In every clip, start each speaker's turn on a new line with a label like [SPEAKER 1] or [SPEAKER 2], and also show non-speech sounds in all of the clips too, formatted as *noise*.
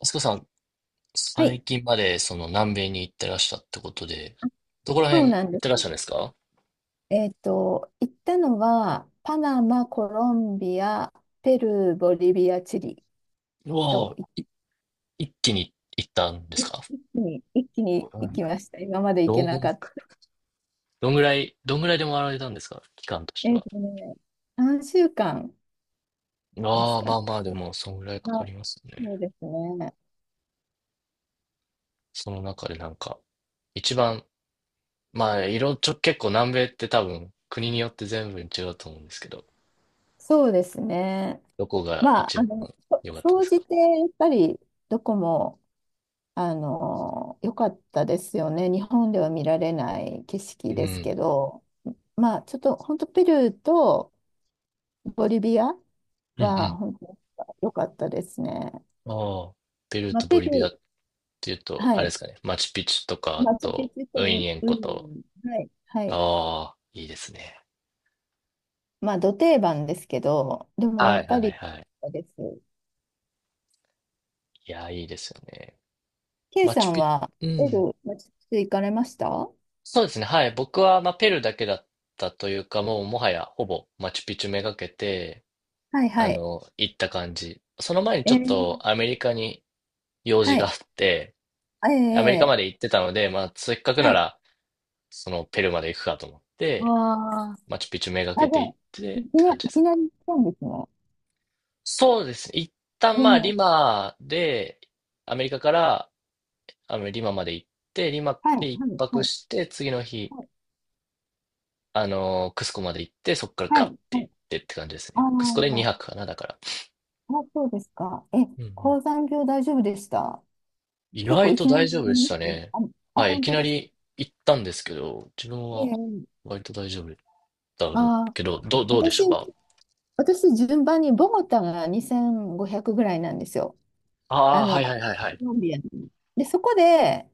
[SPEAKER 1] あすこさん、
[SPEAKER 2] は
[SPEAKER 1] 最
[SPEAKER 2] い、
[SPEAKER 1] 近までその南米に行ってらっしたってことで、どこら
[SPEAKER 2] そ
[SPEAKER 1] 辺
[SPEAKER 2] う
[SPEAKER 1] 行
[SPEAKER 2] なん
[SPEAKER 1] っ
[SPEAKER 2] です。
[SPEAKER 1] てらっしゃるんですか？
[SPEAKER 2] 行ったのは、パナマ、コロンビア、ペルー、ボリビア、チリ
[SPEAKER 1] うわ
[SPEAKER 2] と、
[SPEAKER 1] あ、一気に行ったんですか？
[SPEAKER 2] いい一気に、一気に行きました。今まで行け
[SPEAKER 1] どん、
[SPEAKER 2] なかった。
[SPEAKER 1] どんぐらいで回られたんですか、期間として
[SPEAKER 2] えっ
[SPEAKER 1] は？
[SPEAKER 2] とね、3週間です
[SPEAKER 1] ああ、
[SPEAKER 2] か
[SPEAKER 1] ま
[SPEAKER 2] ね。
[SPEAKER 1] あまあ、でも、そんぐらいかか
[SPEAKER 2] あ、
[SPEAKER 1] りますね。
[SPEAKER 2] そうですね。
[SPEAKER 1] その中でなんか、一番、まあ、いろ、ちょ、結構南米って多分、国によって全部違うと思うんですけど、
[SPEAKER 2] そうですね。
[SPEAKER 1] どこが
[SPEAKER 2] まあ、
[SPEAKER 1] 一番
[SPEAKER 2] そ
[SPEAKER 1] 良かったで
[SPEAKER 2] 総
[SPEAKER 1] すか？
[SPEAKER 2] じて、やっぱり、どこも、良かったですよね。日本では見られない景色
[SPEAKER 1] う
[SPEAKER 2] ですけ
[SPEAKER 1] ん。
[SPEAKER 2] ど。まあ、ちょっと本当ペルーとボリビア
[SPEAKER 1] う
[SPEAKER 2] は
[SPEAKER 1] ん
[SPEAKER 2] 本当に良かったですね。
[SPEAKER 1] うん。ああ、ペルー
[SPEAKER 2] まあ、
[SPEAKER 1] とボ
[SPEAKER 2] ペ
[SPEAKER 1] リ
[SPEAKER 2] ル
[SPEAKER 1] ビア
[SPEAKER 2] ー、
[SPEAKER 1] ていうと、あ
[SPEAKER 2] は
[SPEAKER 1] れで
[SPEAKER 2] い。
[SPEAKER 1] すかね、マチュピチュとか、あ
[SPEAKER 2] マチュピ
[SPEAKER 1] と、
[SPEAKER 2] チュと
[SPEAKER 1] ウ
[SPEAKER 2] ウ
[SPEAKER 1] ィ
[SPEAKER 2] イ
[SPEAKER 1] ニエン
[SPEAKER 2] ウ
[SPEAKER 1] コ
[SPEAKER 2] イニョ
[SPEAKER 1] と。
[SPEAKER 2] ンはい。はい。
[SPEAKER 1] ああ、いいですね。
[SPEAKER 2] まあ、ど定番ですけど、でもや
[SPEAKER 1] はい
[SPEAKER 2] っぱ
[SPEAKER 1] はい
[SPEAKER 2] り、
[SPEAKER 1] はい。
[SPEAKER 2] です。
[SPEAKER 1] いや、いいですよね。
[SPEAKER 2] K
[SPEAKER 1] マ
[SPEAKER 2] さ
[SPEAKER 1] チュ
[SPEAKER 2] ん
[SPEAKER 1] ピ、
[SPEAKER 2] は、
[SPEAKER 1] う
[SPEAKER 2] ペル
[SPEAKER 1] ん。
[SPEAKER 2] ー、マチュピチュ行かれました？は
[SPEAKER 1] そうですね、はい。僕は、まあ、ペルーだけだったというか、もう、もはや、ほぼ、マチュピチュめがけて、
[SPEAKER 2] い
[SPEAKER 1] あ
[SPEAKER 2] はい。
[SPEAKER 1] の、行った感じ。その前に
[SPEAKER 2] え
[SPEAKER 1] ちょっと、
[SPEAKER 2] ー、
[SPEAKER 1] アメリカに用事
[SPEAKER 2] は
[SPEAKER 1] があっ
[SPEAKER 2] い。
[SPEAKER 1] て、
[SPEAKER 2] え
[SPEAKER 1] アメリカま
[SPEAKER 2] えええ、
[SPEAKER 1] で行ってたので、まあ、せっかくな
[SPEAKER 2] はい。
[SPEAKER 1] ら、その、ペルーまで行くかと思っ
[SPEAKER 2] あ
[SPEAKER 1] て、
[SPEAKER 2] あ、
[SPEAKER 1] マチュピチュめが
[SPEAKER 2] あ、
[SPEAKER 1] け
[SPEAKER 2] じ
[SPEAKER 1] て
[SPEAKER 2] ゃ
[SPEAKER 1] 行
[SPEAKER 2] あ、
[SPEAKER 1] って、
[SPEAKER 2] い
[SPEAKER 1] っ
[SPEAKER 2] き
[SPEAKER 1] て
[SPEAKER 2] な、
[SPEAKER 1] 感
[SPEAKER 2] い
[SPEAKER 1] じで
[SPEAKER 2] き
[SPEAKER 1] すね。
[SPEAKER 2] なり行ったんですね。
[SPEAKER 1] そうですね。一旦まあ、リ
[SPEAKER 2] ええ、
[SPEAKER 1] マで、アメリカから、あの、リマまで行って、リマ
[SPEAKER 2] はい、は
[SPEAKER 1] で一
[SPEAKER 2] い、
[SPEAKER 1] 泊
[SPEAKER 2] はい、
[SPEAKER 1] して、次の日、
[SPEAKER 2] はい、
[SPEAKER 1] あの、クスコまで行って、そこから
[SPEAKER 2] は
[SPEAKER 1] ガッ
[SPEAKER 2] い。
[SPEAKER 1] て
[SPEAKER 2] は
[SPEAKER 1] 行っ
[SPEAKER 2] い、
[SPEAKER 1] てって感じです
[SPEAKER 2] あ
[SPEAKER 1] ね。クスコで
[SPEAKER 2] あ、
[SPEAKER 1] 2泊かな、だから。
[SPEAKER 2] あ、そうですか。え、
[SPEAKER 1] うんうん。
[SPEAKER 2] 高山病大丈夫でした？
[SPEAKER 1] 意
[SPEAKER 2] 結構
[SPEAKER 1] 外
[SPEAKER 2] い
[SPEAKER 1] と
[SPEAKER 2] きな
[SPEAKER 1] 大
[SPEAKER 2] り
[SPEAKER 1] 丈夫
[SPEAKER 2] な
[SPEAKER 1] でし
[SPEAKER 2] り
[SPEAKER 1] た
[SPEAKER 2] ます。
[SPEAKER 1] ね。
[SPEAKER 2] あ、あ、
[SPEAKER 1] はい、い
[SPEAKER 2] 本
[SPEAKER 1] き
[SPEAKER 2] 当
[SPEAKER 1] な
[SPEAKER 2] ですか。
[SPEAKER 1] り行ったんですけど、自分
[SPEAKER 2] え
[SPEAKER 1] は
[SPEAKER 2] え。
[SPEAKER 1] 割と大丈夫だ
[SPEAKER 2] あ、
[SPEAKER 1] けど、どうでし
[SPEAKER 2] 私、
[SPEAKER 1] たか？
[SPEAKER 2] 私、順番にボゴタが2500ぐらいなんですよ。
[SPEAKER 1] ああー、はい
[SPEAKER 2] コ
[SPEAKER 1] はいはいはい。
[SPEAKER 2] ロンビアので、そこで、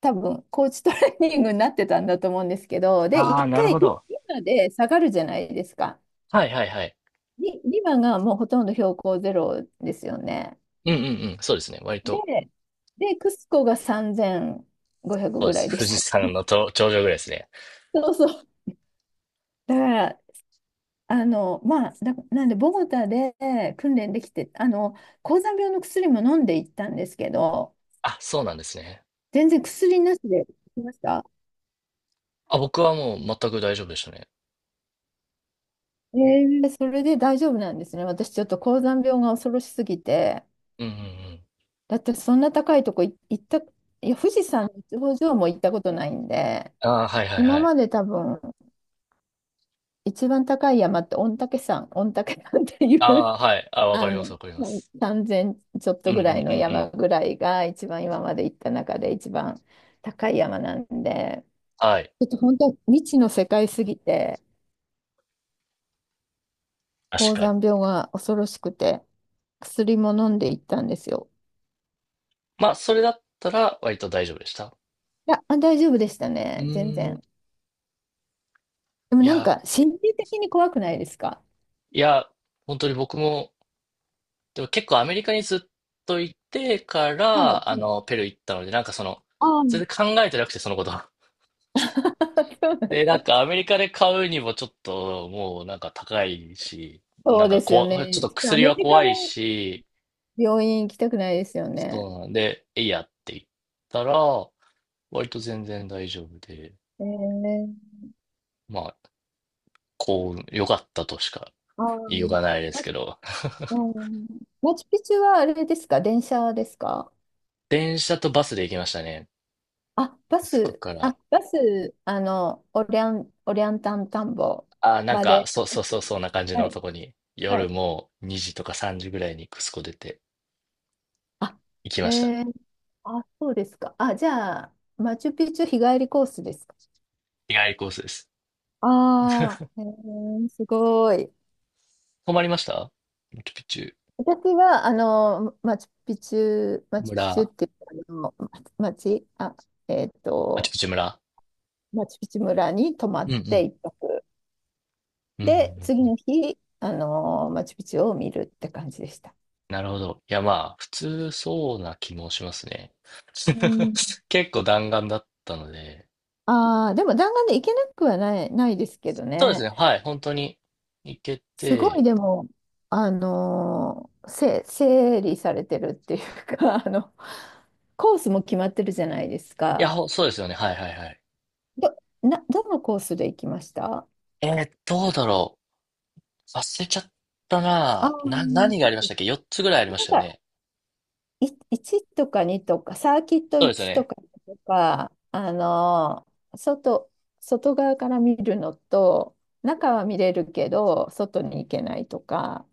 [SPEAKER 2] 多分、コーチトレーニングになってたんだと思うんですけど、で、
[SPEAKER 1] ああ、
[SPEAKER 2] 一
[SPEAKER 1] なる
[SPEAKER 2] 回
[SPEAKER 1] ほ
[SPEAKER 2] リ、
[SPEAKER 1] ど。
[SPEAKER 2] リマで下がるじゃないですか。
[SPEAKER 1] はいはいはい。
[SPEAKER 2] リマがもうほとんど標高ゼロですよね。
[SPEAKER 1] うんうんうん、そうですね。割と、
[SPEAKER 2] で、クスコが3500
[SPEAKER 1] そうで
[SPEAKER 2] ぐらい
[SPEAKER 1] す。
[SPEAKER 2] で
[SPEAKER 1] 富
[SPEAKER 2] し
[SPEAKER 1] 士
[SPEAKER 2] たっ
[SPEAKER 1] 山
[SPEAKER 2] け？
[SPEAKER 1] のと頂上ぐらいですね。
[SPEAKER 2] そうそう。だから、なんで、ボゴタで訓練できて、高山病の薬も飲んでいったんですけど、
[SPEAKER 1] あ、そうなんですね。
[SPEAKER 2] 全然薬なしで来ました。
[SPEAKER 1] あ、僕はもう全く大丈夫でしたね。
[SPEAKER 2] それで大丈夫なんですね。私、ちょっと高山病が恐ろしすぎて、
[SPEAKER 1] うんうんうん。
[SPEAKER 2] だってそんな高いとこ行った、いや、富士山の頂上も行ったことないんで、
[SPEAKER 1] ああ、はいはい
[SPEAKER 2] 今
[SPEAKER 1] は
[SPEAKER 2] ま
[SPEAKER 1] い。
[SPEAKER 2] で多分、一番高い山って御嶽山ってい
[SPEAKER 1] あ
[SPEAKER 2] う
[SPEAKER 1] あ、はい。あ、わかりま
[SPEAKER 2] う
[SPEAKER 1] す、
[SPEAKER 2] ん、
[SPEAKER 1] わかります。
[SPEAKER 2] 3000ちょっ
[SPEAKER 1] う
[SPEAKER 2] と
[SPEAKER 1] んう
[SPEAKER 2] ぐらい
[SPEAKER 1] んう
[SPEAKER 2] の
[SPEAKER 1] んうん。
[SPEAKER 2] 山ぐらいが一番今まで行った中で一番高い山なんで、
[SPEAKER 1] はい。
[SPEAKER 2] ちょっと本当未知の世界すぎて、
[SPEAKER 1] 確
[SPEAKER 2] 高
[SPEAKER 1] かに。
[SPEAKER 2] 山病が恐ろしくて、薬も飲んで行ったんですよ。
[SPEAKER 1] まあ、それだったら割と大丈夫でした。
[SPEAKER 2] いや、あ、大丈夫でした
[SPEAKER 1] う
[SPEAKER 2] ね、全
[SPEAKER 1] ーん。
[SPEAKER 2] 然。でも
[SPEAKER 1] い
[SPEAKER 2] なん
[SPEAKER 1] や、
[SPEAKER 2] か心理的に怖くないですか？
[SPEAKER 1] いや、本当に僕も、でも結構アメリカにずっといてか
[SPEAKER 2] はい。
[SPEAKER 1] ら、あの、ペルー行ったので、なんかその、
[SPEAKER 2] ああ、
[SPEAKER 1] 全然考えてなくて、そのこと。*laughs*
[SPEAKER 2] *laughs* そう
[SPEAKER 1] で、な
[SPEAKER 2] なん
[SPEAKER 1] んかアメリカで買うにもちょっともうなんか高いし、な
[SPEAKER 2] そ
[SPEAKER 1] ん
[SPEAKER 2] う
[SPEAKER 1] か
[SPEAKER 2] ですよ
[SPEAKER 1] ちょっ
[SPEAKER 2] ね。
[SPEAKER 1] と
[SPEAKER 2] ちょっとア
[SPEAKER 1] 薬
[SPEAKER 2] メ
[SPEAKER 1] は
[SPEAKER 2] リカ
[SPEAKER 1] 怖
[SPEAKER 2] で
[SPEAKER 1] いし、
[SPEAKER 2] 病院行きたくないですよ
[SPEAKER 1] そ
[SPEAKER 2] ね。
[SPEAKER 1] うなんで、えいやって言ったら、割と全然大丈夫で、
[SPEAKER 2] えー
[SPEAKER 1] まあ、幸運、良かったとしか
[SPEAKER 2] ああ、う
[SPEAKER 1] 言いよう
[SPEAKER 2] ん。
[SPEAKER 1] がないですけど、
[SPEAKER 2] マチュピチュはあれですか？電車ですか？
[SPEAKER 1] 電車とバスで行きましたね、
[SPEAKER 2] あ、バ
[SPEAKER 1] クスコ
[SPEAKER 2] ス、
[SPEAKER 1] から。
[SPEAKER 2] オリアンタン田んぼ
[SPEAKER 1] ああ、なん
[SPEAKER 2] ま
[SPEAKER 1] か、
[SPEAKER 2] で。
[SPEAKER 1] そうそうそう、そんな感じ
[SPEAKER 2] は
[SPEAKER 1] の
[SPEAKER 2] い、
[SPEAKER 1] とこに、
[SPEAKER 2] は
[SPEAKER 1] 夜
[SPEAKER 2] い。
[SPEAKER 1] もう2時とか3時ぐらいにクスコ出て
[SPEAKER 2] あ、
[SPEAKER 1] 行き
[SPEAKER 2] え
[SPEAKER 1] ました。
[SPEAKER 2] ー、あ、そうですか。あ、じゃあ、マチュピチュ日帰りコースですか？
[SPEAKER 1] 日帰りコースです。
[SPEAKER 2] ああ、すごい。
[SPEAKER 1] 泊まりました、マチュピチュ
[SPEAKER 2] 私は、マチュピチュ、マチュピチュっ
[SPEAKER 1] 村、
[SPEAKER 2] ていうか、あの、ま町、あ、えっ
[SPEAKER 1] マチュ
[SPEAKER 2] と、
[SPEAKER 1] ピチュ村。
[SPEAKER 2] マチュピチュ村に泊ま
[SPEAKER 1] うん
[SPEAKER 2] っ
[SPEAKER 1] う
[SPEAKER 2] て
[SPEAKER 1] ん。
[SPEAKER 2] 一泊。
[SPEAKER 1] うんう
[SPEAKER 2] で、
[SPEAKER 1] ん
[SPEAKER 2] 次
[SPEAKER 1] うん。
[SPEAKER 2] の日、マチュピチュを見るって感じでした。
[SPEAKER 1] なるほど。いや、まあ、普通そうな気もしますね。
[SPEAKER 2] うん。
[SPEAKER 1] *laughs* 結構弾丸だったので。
[SPEAKER 2] ああ、でも弾丸で行けなくはないですけど
[SPEAKER 1] そうです
[SPEAKER 2] ね。
[SPEAKER 1] ね。はい。本当に行け
[SPEAKER 2] すごい
[SPEAKER 1] て。
[SPEAKER 2] でも、あのーせ、整理されてるっていうか、*laughs* コースも決まってるじゃないです
[SPEAKER 1] いや、
[SPEAKER 2] か。
[SPEAKER 1] ほそうですよね。はいはいはい。
[SPEAKER 2] ど、どのコースで行きました？
[SPEAKER 1] どうだろう。忘れちゃった
[SPEAKER 2] ああ
[SPEAKER 1] な。
[SPEAKER 2] ー、
[SPEAKER 1] 何が
[SPEAKER 2] そ
[SPEAKER 1] あり
[SPEAKER 2] う
[SPEAKER 1] まし
[SPEAKER 2] で
[SPEAKER 1] たっけ？
[SPEAKER 2] す。
[SPEAKER 1] 4 つぐらいありましたよね。
[SPEAKER 2] い1とか2とか、サーキット
[SPEAKER 1] そうですよ
[SPEAKER 2] 1と
[SPEAKER 1] ね。
[SPEAKER 2] かにとか、外、外側から見るのと、中は見れるけど、外に行けないとか、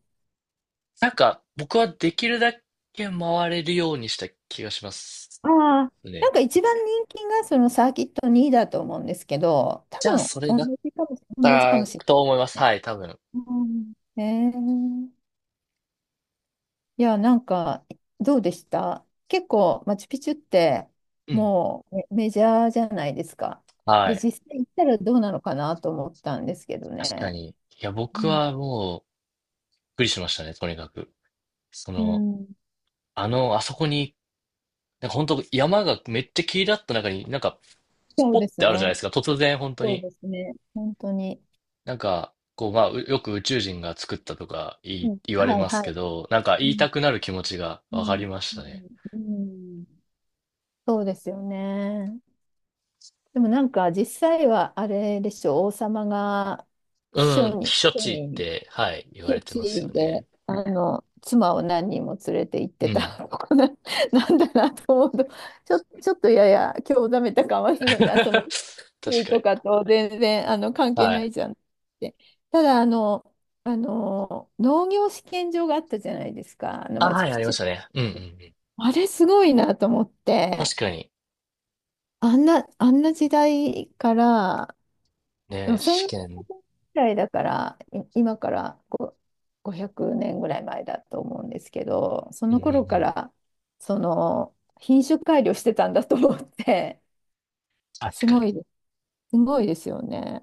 [SPEAKER 1] なんか、僕はできるだけ回れるようにした気がします
[SPEAKER 2] ああ、な
[SPEAKER 1] ね。
[SPEAKER 2] んか一番人気がそのサーキット2だと思うんですけど、多
[SPEAKER 1] じゃあ、
[SPEAKER 2] 分
[SPEAKER 1] それ
[SPEAKER 2] 同
[SPEAKER 1] だっ
[SPEAKER 2] じかもし、同じかも
[SPEAKER 1] た
[SPEAKER 2] し
[SPEAKER 1] と思います。
[SPEAKER 2] れないね。
[SPEAKER 1] はい、多分。
[SPEAKER 2] うん。へー、いや、なんか、どうでした？結構、マチュピチュって、
[SPEAKER 1] うん。
[SPEAKER 2] もうメジャーじゃないですか。
[SPEAKER 1] は
[SPEAKER 2] で、
[SPEAKER 1] い。
[SPEAKER 2] 実際行ったらどうなのかなと思ったんですけど
[SPEAKER 1] 確か
[SPEAKER 2] ね。
[SPEAKER 1] に。いや、
[SPEAKER 2] う
[SPEAKER 1] 僕
[SPEAKER 2] ん、
[SPEAKER 1] はもう、くりしましたね、とにかく。そ
[SPEAKER 2] う
[SPEAKER 1] の、
[SPEAKER 2] ん、
[SPEAKER 1] あの、あそこに、なんか本当山がめっちゃ切り立った中に、なんか、ス
[SPEAKER 2] そう
[SPEAKER 1] ポッ
[SPEAKER 2] です
[SPEAKER 1] てあるじゃない
[SPEAKER 2] ね。
[SPEAKER 1] ですか、突然本当
[SPEAKER 2] そう
[SPEAKER 1] に。
[SPEAKER 2] ですね。本当に。
[SPEAKER 1] なんか、こう、まあ、うよく宇宙人が作ったとか言
[SPEAKER 2] う
[SPEAKER 1] い
[SPEAKER 2] ん、
[SPEAKER 1] 言われ
[SPEAKER 2] はい
[SPEAKER 1] ます
[SPEAKER 2] は
[SPEAKER 1] け
[SPEAKER 2] い。
[SPEAKER 1] ど、なんか
[SPEAKER 2] う
[SPEAKER 1] 言い
[SPEAKER 2] ん、
[SPEAKER 1] たくなる気持ちが
[SPEAKER 2] う
[SPEAKER 1] わか
[SPEAKER 2] ん、
[SPEAKER 1] りましたね。
[SPEAKER 2] うん、そうですよね。でもなんか、実際はあれでしょ、王様が
[SPEAKER 1] う
[SPEAKER 2] 秘
[SPEAKER 1] ん、
[SPEAKER 2] 書
[SPEAKER 1] 避
[SPEAKER 2] に、
[SPEAKER 1] 暑
[SPEAKER 2] 秘書
[SPEAKER 1] 地っ
[SPEAKER 2] に
[SPEAKER 1] て、はい、言わ
[SPEAKER 2] 避
[SPEAKER 1] れ
[SPEAKER 2] 暑
[SPEAKER 1] てますよ
[SPEAKER 2] 地で、
[SPEAKER 1] ね。
[SPEAKER 2] 妻を何人も連れて行っ
[SPEAKER 1] う
[SPEAKER 2] てた *laughs*
[SPEAKER 1] ん。
[SPEAKER 2] とこな、なんだなと思うと、ちょっとやや興ざめた感はする
[SPEAKER 1] *laughs*
[SPEAKER 2] んだ。その、宇
[SPEAKER 1] 確
[SPEAKER 2] 宙
[SPEAKER 1] かに。
[SPEAKER 2] とかと全然、関係
[SPEAKER 1] は
[SPEAKER 2] な
[SPEAKER 1] い。
[SPEAKER 2] いじゃんって。ただ、農業試験場があったじゃないですか、
[SPEAKER 1] あ、
[SPEAKER 2] マチ
[SPEAKER 1] は
[SPEAKER 2] ュ
[SPEAKER 1] い、あ
[SPEAKER 2] ピ
[SPEAKER 1] りま
[SPEAKER 2] チ
[SPEAKER 1] し
[SPEAKER 2] ュ
[SPEAKER 1] たね。うんうんう
[SPEAKER 2] に。
[SPEAKER 1] ん。
[SPEAKER 2] あれすごいなと思って、
[SPEAKER 1] 確かに。
[SPEAKER 2] あんな時代から、でも
[SPEAKER 1] ね、
[SPEAKER 2] 1
[SPEAKER 1] 試
[SPEAKER 2] 0
[SPEAKER 1] 験。
[SPEAKER 2] ぐらいだから、今からこう500年ぐらい前だと思うんですけど、そ
[SPEAKER 1] う
[SPEAKER 2] の
[SPEAKER 1] んうんう
[SPEAKER 2] 頃か
[SPEAKER 1] ん。
[SPEAKER 2] らその品種改良してたんだと思って、
[SPEAKER 1] 確
[SPEAKER 2] す
[SPEAKER 1] か
[SPEAKER 2] ご
[SPEAKER 1] に。
[SPEAKER 2] い、すごいですよね。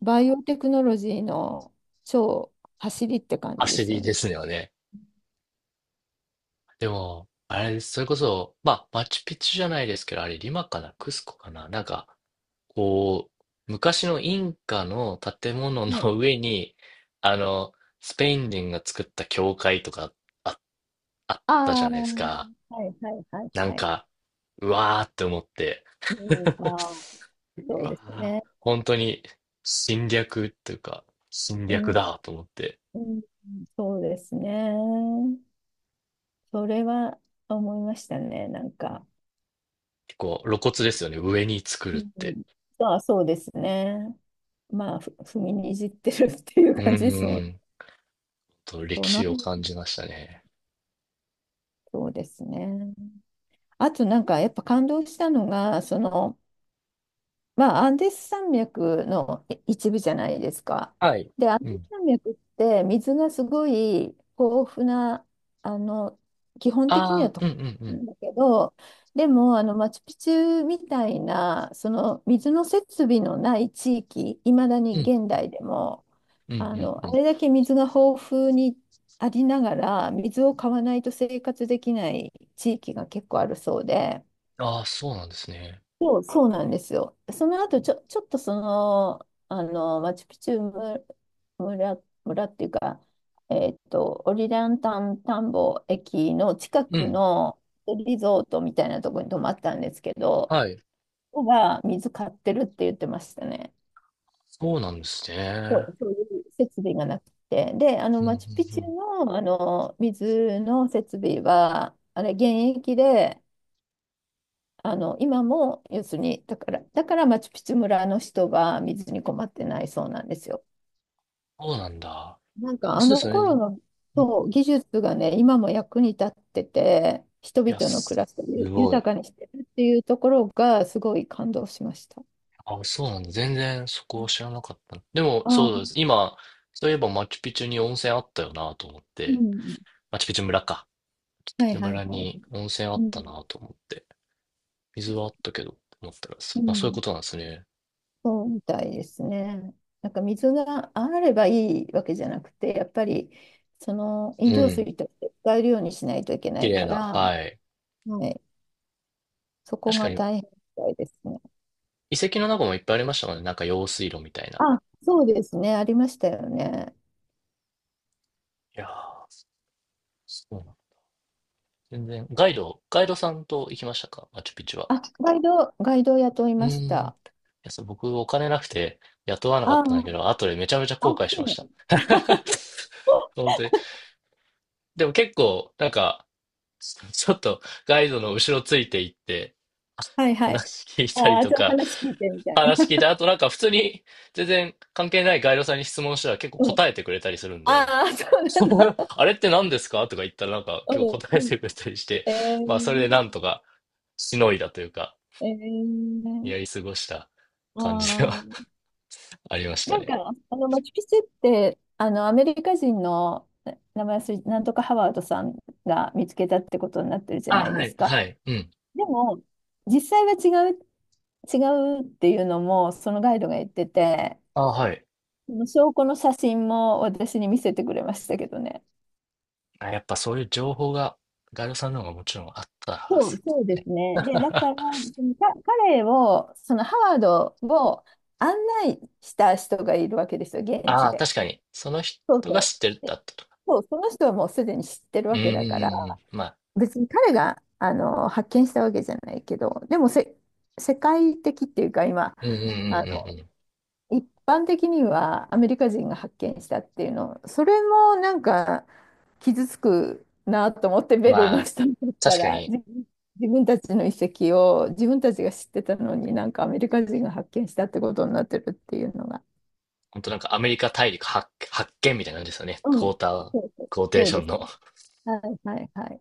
[SPEAKER 2] バイオテクノロジーの超走りって感じで
[SPEAKER 1] 焦
[SPEAKER 2] すよ
[SPEAKER 1] りで
[SPEAKER 2] ね。
[SPEAKER 1] すよね。でも、あれ、それこそ、まあ、マチュピチュじゃないですけど、あれ、リマかな、クスコかな、なんか、こう、昔のインカの建物の
[SPEAKER 2] はい。
[SPEAKER 1] *laughs* 上に、*laughs* あの、スペイン人が作った教会とかあ、あっ
[SPEAKER 2] あ
[SPEAKER 1] たじ
[SPEAKER 2] あ、
[SPEAKER 1] ゃないですか。
[SPEAKER 2] はいはいはい
[SPEAKER 1] なん
[SPEAKER 2] はい。
[SPEAKER 1] か、うわーって思って。
[SPEAKER 2] うん、ま
[SPEAKER 1] *laughs*
[SPEAKER 2] あー、
[SPEAKER 1] う
[SPEAKER 2] そうです
[SPEAKER 1] わ
[SPEAKER 2] ね。
[SPEAKER 1] ー、本当に侵略っていうか、侵
[SPEAKER 2] う
[SPEAKER 1] 略
[SPEAKER 2] ん、
[SPEAKER 1] だと思って。
[SPEAKER 2] うん、そうですね。それは思いましたね、なんか。
[SPEAKER 1] 結構露骨ですよね、上に作る
[SPEAKER 2] う
[SPEAKER 1] って。
[SPEAKER 2] ん、あ、そうですね。まあ、踏みにじってるってい
[SPEAKER 1] う
[SPEAKER 2] う
[SPEAKER 1] ん
[SPEAKER 2] 感じですも
[SPEAKER 1] う
[SPEAKER 2] ん。
[SPEAKER 1] んと
[SPEAKER 2] そ
[SPEAKER 1] 歴
[SPEAKER 2] の
[SPEAKER 1] 史を感じましたね。
[SPEAKER 2] そうですね。あとなんかやっぱ感動したのが、まあ、アンデス山脈の一部じゃないですか。
[SPEAKER 1] はい。
[SPEAKER 2] で、アン
[SPEAKER 1] う
[SPEAKER 2] デス
[SPEAKER 1] ん。
[SPEAKER 2] 山脈って水がすごい豊富な、あの、基本的に
[SPEAKER 1] あ
[SPEAKER 2] は
[SPEAKER 1] あ、
[SPEAKER 2] と
[SPEAKER 1] うんうんう
[SPEAKER 2] な
[SPEAKER 1] ん。
[SPEAKER 2] んだけど、でも、マチュピチュみたいな、その水の設備のない地域、いまだ
[SPEAKER 1] う
[SPEAKER 2] に
[SPEAKER 1] ん。
[SPEAKER 2] 現代でも、
[SPEAKER 1] うんうんう
[SPEAKER 2] あ
[SPEAKER 1] ん。
[SPEAKER 2] れだけ水が豊富にありながら、水を買わないと生活できない地域が結構あるそうで。
[SPEAKER 1] ああ、そうなんですね。
[SPEAKER 2] そう、そうなんですよ。その後、ちょっとマチュピチュ村っていうか、オリランタン田んぼ駅の近
[SPEAKER 1] う
[SPEAKER 2] く
[SPEAKER 1] ん。
[SPEAKER 2] のリゾートみたいなところに泊まったんですけど、
[SPEAKER 1] はい。
[SPEAKER 2] ここが水買ってるって言ってましたね。
[SPEAKER 1] そうなんです
[SPEAKER 2] そ
[SPEAKER 1] ね。
[SPEAKER 2] う、そういう設備がなくて。で、
[SPEAKER 1] うんう
[SPEAKER 2] マチュピ
[SPEAKER 1] ん
[SPEAKER 2] チ
[SPEAKER 1] う
[SPEAKER 2] ュ
[SPEAKER 1] ん。
[SPEAKER 2] の、水の設備は、あれ、現役で、今も、要するに、だからマチュピチュ村の人は水に困ってないそうなんですよ。
[SPEAKER 1] そうなんだ。
[SPEAKER 2] なんか
[SPEAKER 1] あ、
[SPEAKER 2] あ
[SPEAKER 1] そうで
[SPEAKER 2] の
[SPEAKER 1] すよね。
[SPEAKER 2] 頃の、
[SPEAKER 1] うん。い
[SPEAKER 2] そう技術がね、今も役に立ってて、人
[SPEAKER 1] や、
[SPEAKER 2] 々の暮
[SPEAKER 1] す
[SPEAKER 2] らしを
[SPEAKER 1] すご
[SPEAKER 2] 豊
[SPEAKER 1] い。
[SPEAKER 2] かにしてるっていうところがすごい感動しました。
[SPEAKER 1] あ、そうなんだ。全然そこを知らなかった。でも、そうです。
[SPEAKER 2] あ、
[SPEAKER 1] 今、そういえばマチュピチュに温泉あったよなと思っ
[SPEAKER 2] う
[SPEAKER 1] て。
[SPEAKER 2] ん。
[SPEAKER 1] マチュピチュ村か。ピ
[SPEAKER 2] は
[SPEAKER 1] チ
[SPEAKER 2] い
[SPEAKER 1] ュ
[SPEAKER 2] はい
[SPEAKER 1] 村
[SPEAKER 2] はい。
[SPEAKER 1] に温泉あ
[SPEAKER 2] う
[SPEAKER 1] った
[SPEAKER 2] ん。
[SPEAKER 1] なと思って。水はあったけど、思ったら、そ
[SPEAKER 2] う
[SPEAKER 1] まあ、そういう
[SPEAKER 2] ん。
[SPEAKER 1] ことなんですね。
[SPEAKER 2] そうみたいですね。なんか水があればいいわけじゃなくて、やっぱりその飲
[SPEAKER 1] う
[SPEAKER 2] 料
[SPEAKER 1] ん。
[SPEAKER 2] 水として使えるようにしないといけな
[SPEAKER 1] 綺
[SPEAKER 2] い
[SPEAKER 1] 麗
[SPEAKER 2] か
[SPEAKER 1] な、
[SPEAKER 2] ら、
[SPEAKER 1] はい。
[SPEAKER 2] はい、そこ
[SPEAKER 1] 確か
[SPEAKER 2] が
[SPEAKER 1] に、
[SPEAKER 2] 大変みたいですね。
[SPEAKER 1] 遺跡の中もいっぱいありましたもんね。なんか用水路みたいな。
[SPEAKER 2] あ、そうですね。ありましたよね。
[SPEAKER 1] いやー、そうなの。全然、ガイドさんと行きましたか、マチュピチュは？
[SPEAKER 2] あ、ガイドを雇い
[SPEAKER 1] うー
[SPEAKER 2] まし
[SPEAKER 1] ん。い
[SPEAKER 2] た。
[SPEAKER 1] や、そう、僕、お金なくて雇わなかっ
[SPEAKER 2] ああ、
[SPEAKER 1] たんだけど、後でめちゃめちゃ
[SPEAKER 2] あ、
[SPEAKER 1] 後悔しまし
[SPEAKER 2] そう
[SPEAKER 1] た。
[SPEAKER 2] な
[SPEAKER 1] *laughs*
[SPEAKER 2] の？
[SPEAKER 1] 本当に。でも結構、なんか、ちょっとガイドの後ろついて行って、
[SPEAKER 2] はいはい。
[SPEAKER 1] 話聞いたり
[SPEAKER 2] ああ、
[SPEAKER 1] と
[SPEAKER 2] ちょっと
[SPEAKER 1] か、
[SPEAKER 2] 話聞いてみたい
[SPEAKER 1] 話聞い
[SPEAKER 2] な。
[SPEAKER 1] た後、なんか普通に全然関係ないガイドさんに質問したら結構
[SPEAKER 2] うん。
[SPEAKER 1] 答えてくれたりするんで、
[SPEAKER 2] ああ、そうなん
[SPEAKER 1] *laughs*
[SPEAKER 2] だ。
[SPEAKER 1] あれって何ですかとか言ったらなんか
[SPEAKER 2] う
[SPEAKER 1] 今日
[SPEAKER 2] ん
[SPEAKER 1] 答え
[SPEAKER 2] うん。
[SPEAKER 1] てくれたりして、
[SPEAKER 2] え
[SPEAKER 1] まあそれで
[SPEAKER 2] ー、
[SPEAKER 1] なんとかしのいだというか、
[SPEAKER 2] えー、
[SPEAKER 1] やり過ごした
[SPEAKER 2] あ
[SPEAKER 1] 感じでは
[SPEAKER 2] あ、
[SPEAKER 1] *laughs* ありました
[SPEAKER 2] なんか、
[SPEAKER 1] ね。
[SPEAKER 2] マチュピチュって、アメリカ人の名前忘れ、なんとかハワードさんが見つけたってことになってるじゃ
[SPEAKER 1] あ、
[SPEAKER 2] ない
[SPEAKER 1] は
[SPEAKER 2] で
[SPEAKER 1] い、
[SPEAKER 2] すか。
[SPEAKER 1] はい、うん。
[SPEAKER 2] でも、実際は違うっていうのもそのガイドが言ってて、
[SPEAKER 1] あ、はい。
[SPEAKER 2] その証拠の写真も私に見せてくれましたけどね。
[SPEAKER 1] あ、やっぱそういう情報がガイドさんの方がもちろんあったは
[SPEAKER 2] そ
[SPEAKER 1] ず
[SPEAKER 2] う、
[SPEAKER 1] で
[SPEAKER 2] そう
[SPEAKER 1] す
[SPEAKER 2] で
[SPEAKER 1] ね。
[SPEAKER 2] すね。で、だから、
[SPEAKER 1] *laughs*
[SPEAKER 2] そのか彼を、そのハワードを案内した人がいるわけですよ、現地
[SPEAKER 1] ああ、
[SPEAKER 2] で。
[SPEAKER 1] 確かに。その人
[SPEAKER 2] そう
[SPEAKER 1] が
[SPEAKER 2] そ
[SPEAKER 1] 知ってる
[SPEAKER 2] う。
[SPEAKER 1] だ
[SPEAKER 2] で、
[SPEAKER 1] ったとか。
[SPEAKER 2] そう、その人はもうすでに知ってる
[SPEAKER 1] うん
[SPEAKER 2] わけ
[SPEAKER 1] うんう
[SPEAKER 2] だから、
[SPEAKER 1] んうん。まあ、
[SPEAKER 2] 別に彼があの発見したわけじゃないけど、でも世界的っていうか、今、
[SPEAKER 1] うんうんうんう
[SPEAKER 2] あ
[SPEAKER 1] ん
[SPEAKER 2] の
[SPEAKER 1] うん。
[SPEAKER 2] 一般的にはアメリカ人が発見したっていうの、それもなんか傷つくなと思ってベル
[SPEAKER 1] ま
[SPEAKER 2] の
[SPEAKER 1] あ、
[SPEAKER 2] 人にとった
[SPEAKER 1] 確か
[SPEAKER 2] ら
[SPEAKER 1] に、
[SPEAKER 2] 自分たちの遺跡を自分たちが知ってたのになんかアメリカ人が発見したってことになってるっていうのが。
[SPEAKER 1] 本当なんかアメリカ大陸発見みたいな感じですよね。
[SPEAKER 2] う
[SPEAKER 1] クォ
[SPEAKER 2] ん。
[SPEAKER 1] ーター、
[SPEAKER 2] そうそう
[SPEAKER 1] クォーテー
[SPEAKER 2] そう
[SPEAKER 1] ショ
[SPEAKER 2] で
[SPEAKER 1] ン
[SPEAKER 2] す
[SPEAKER 1] の。
[SPEAKER 2] ね。はいはいはい。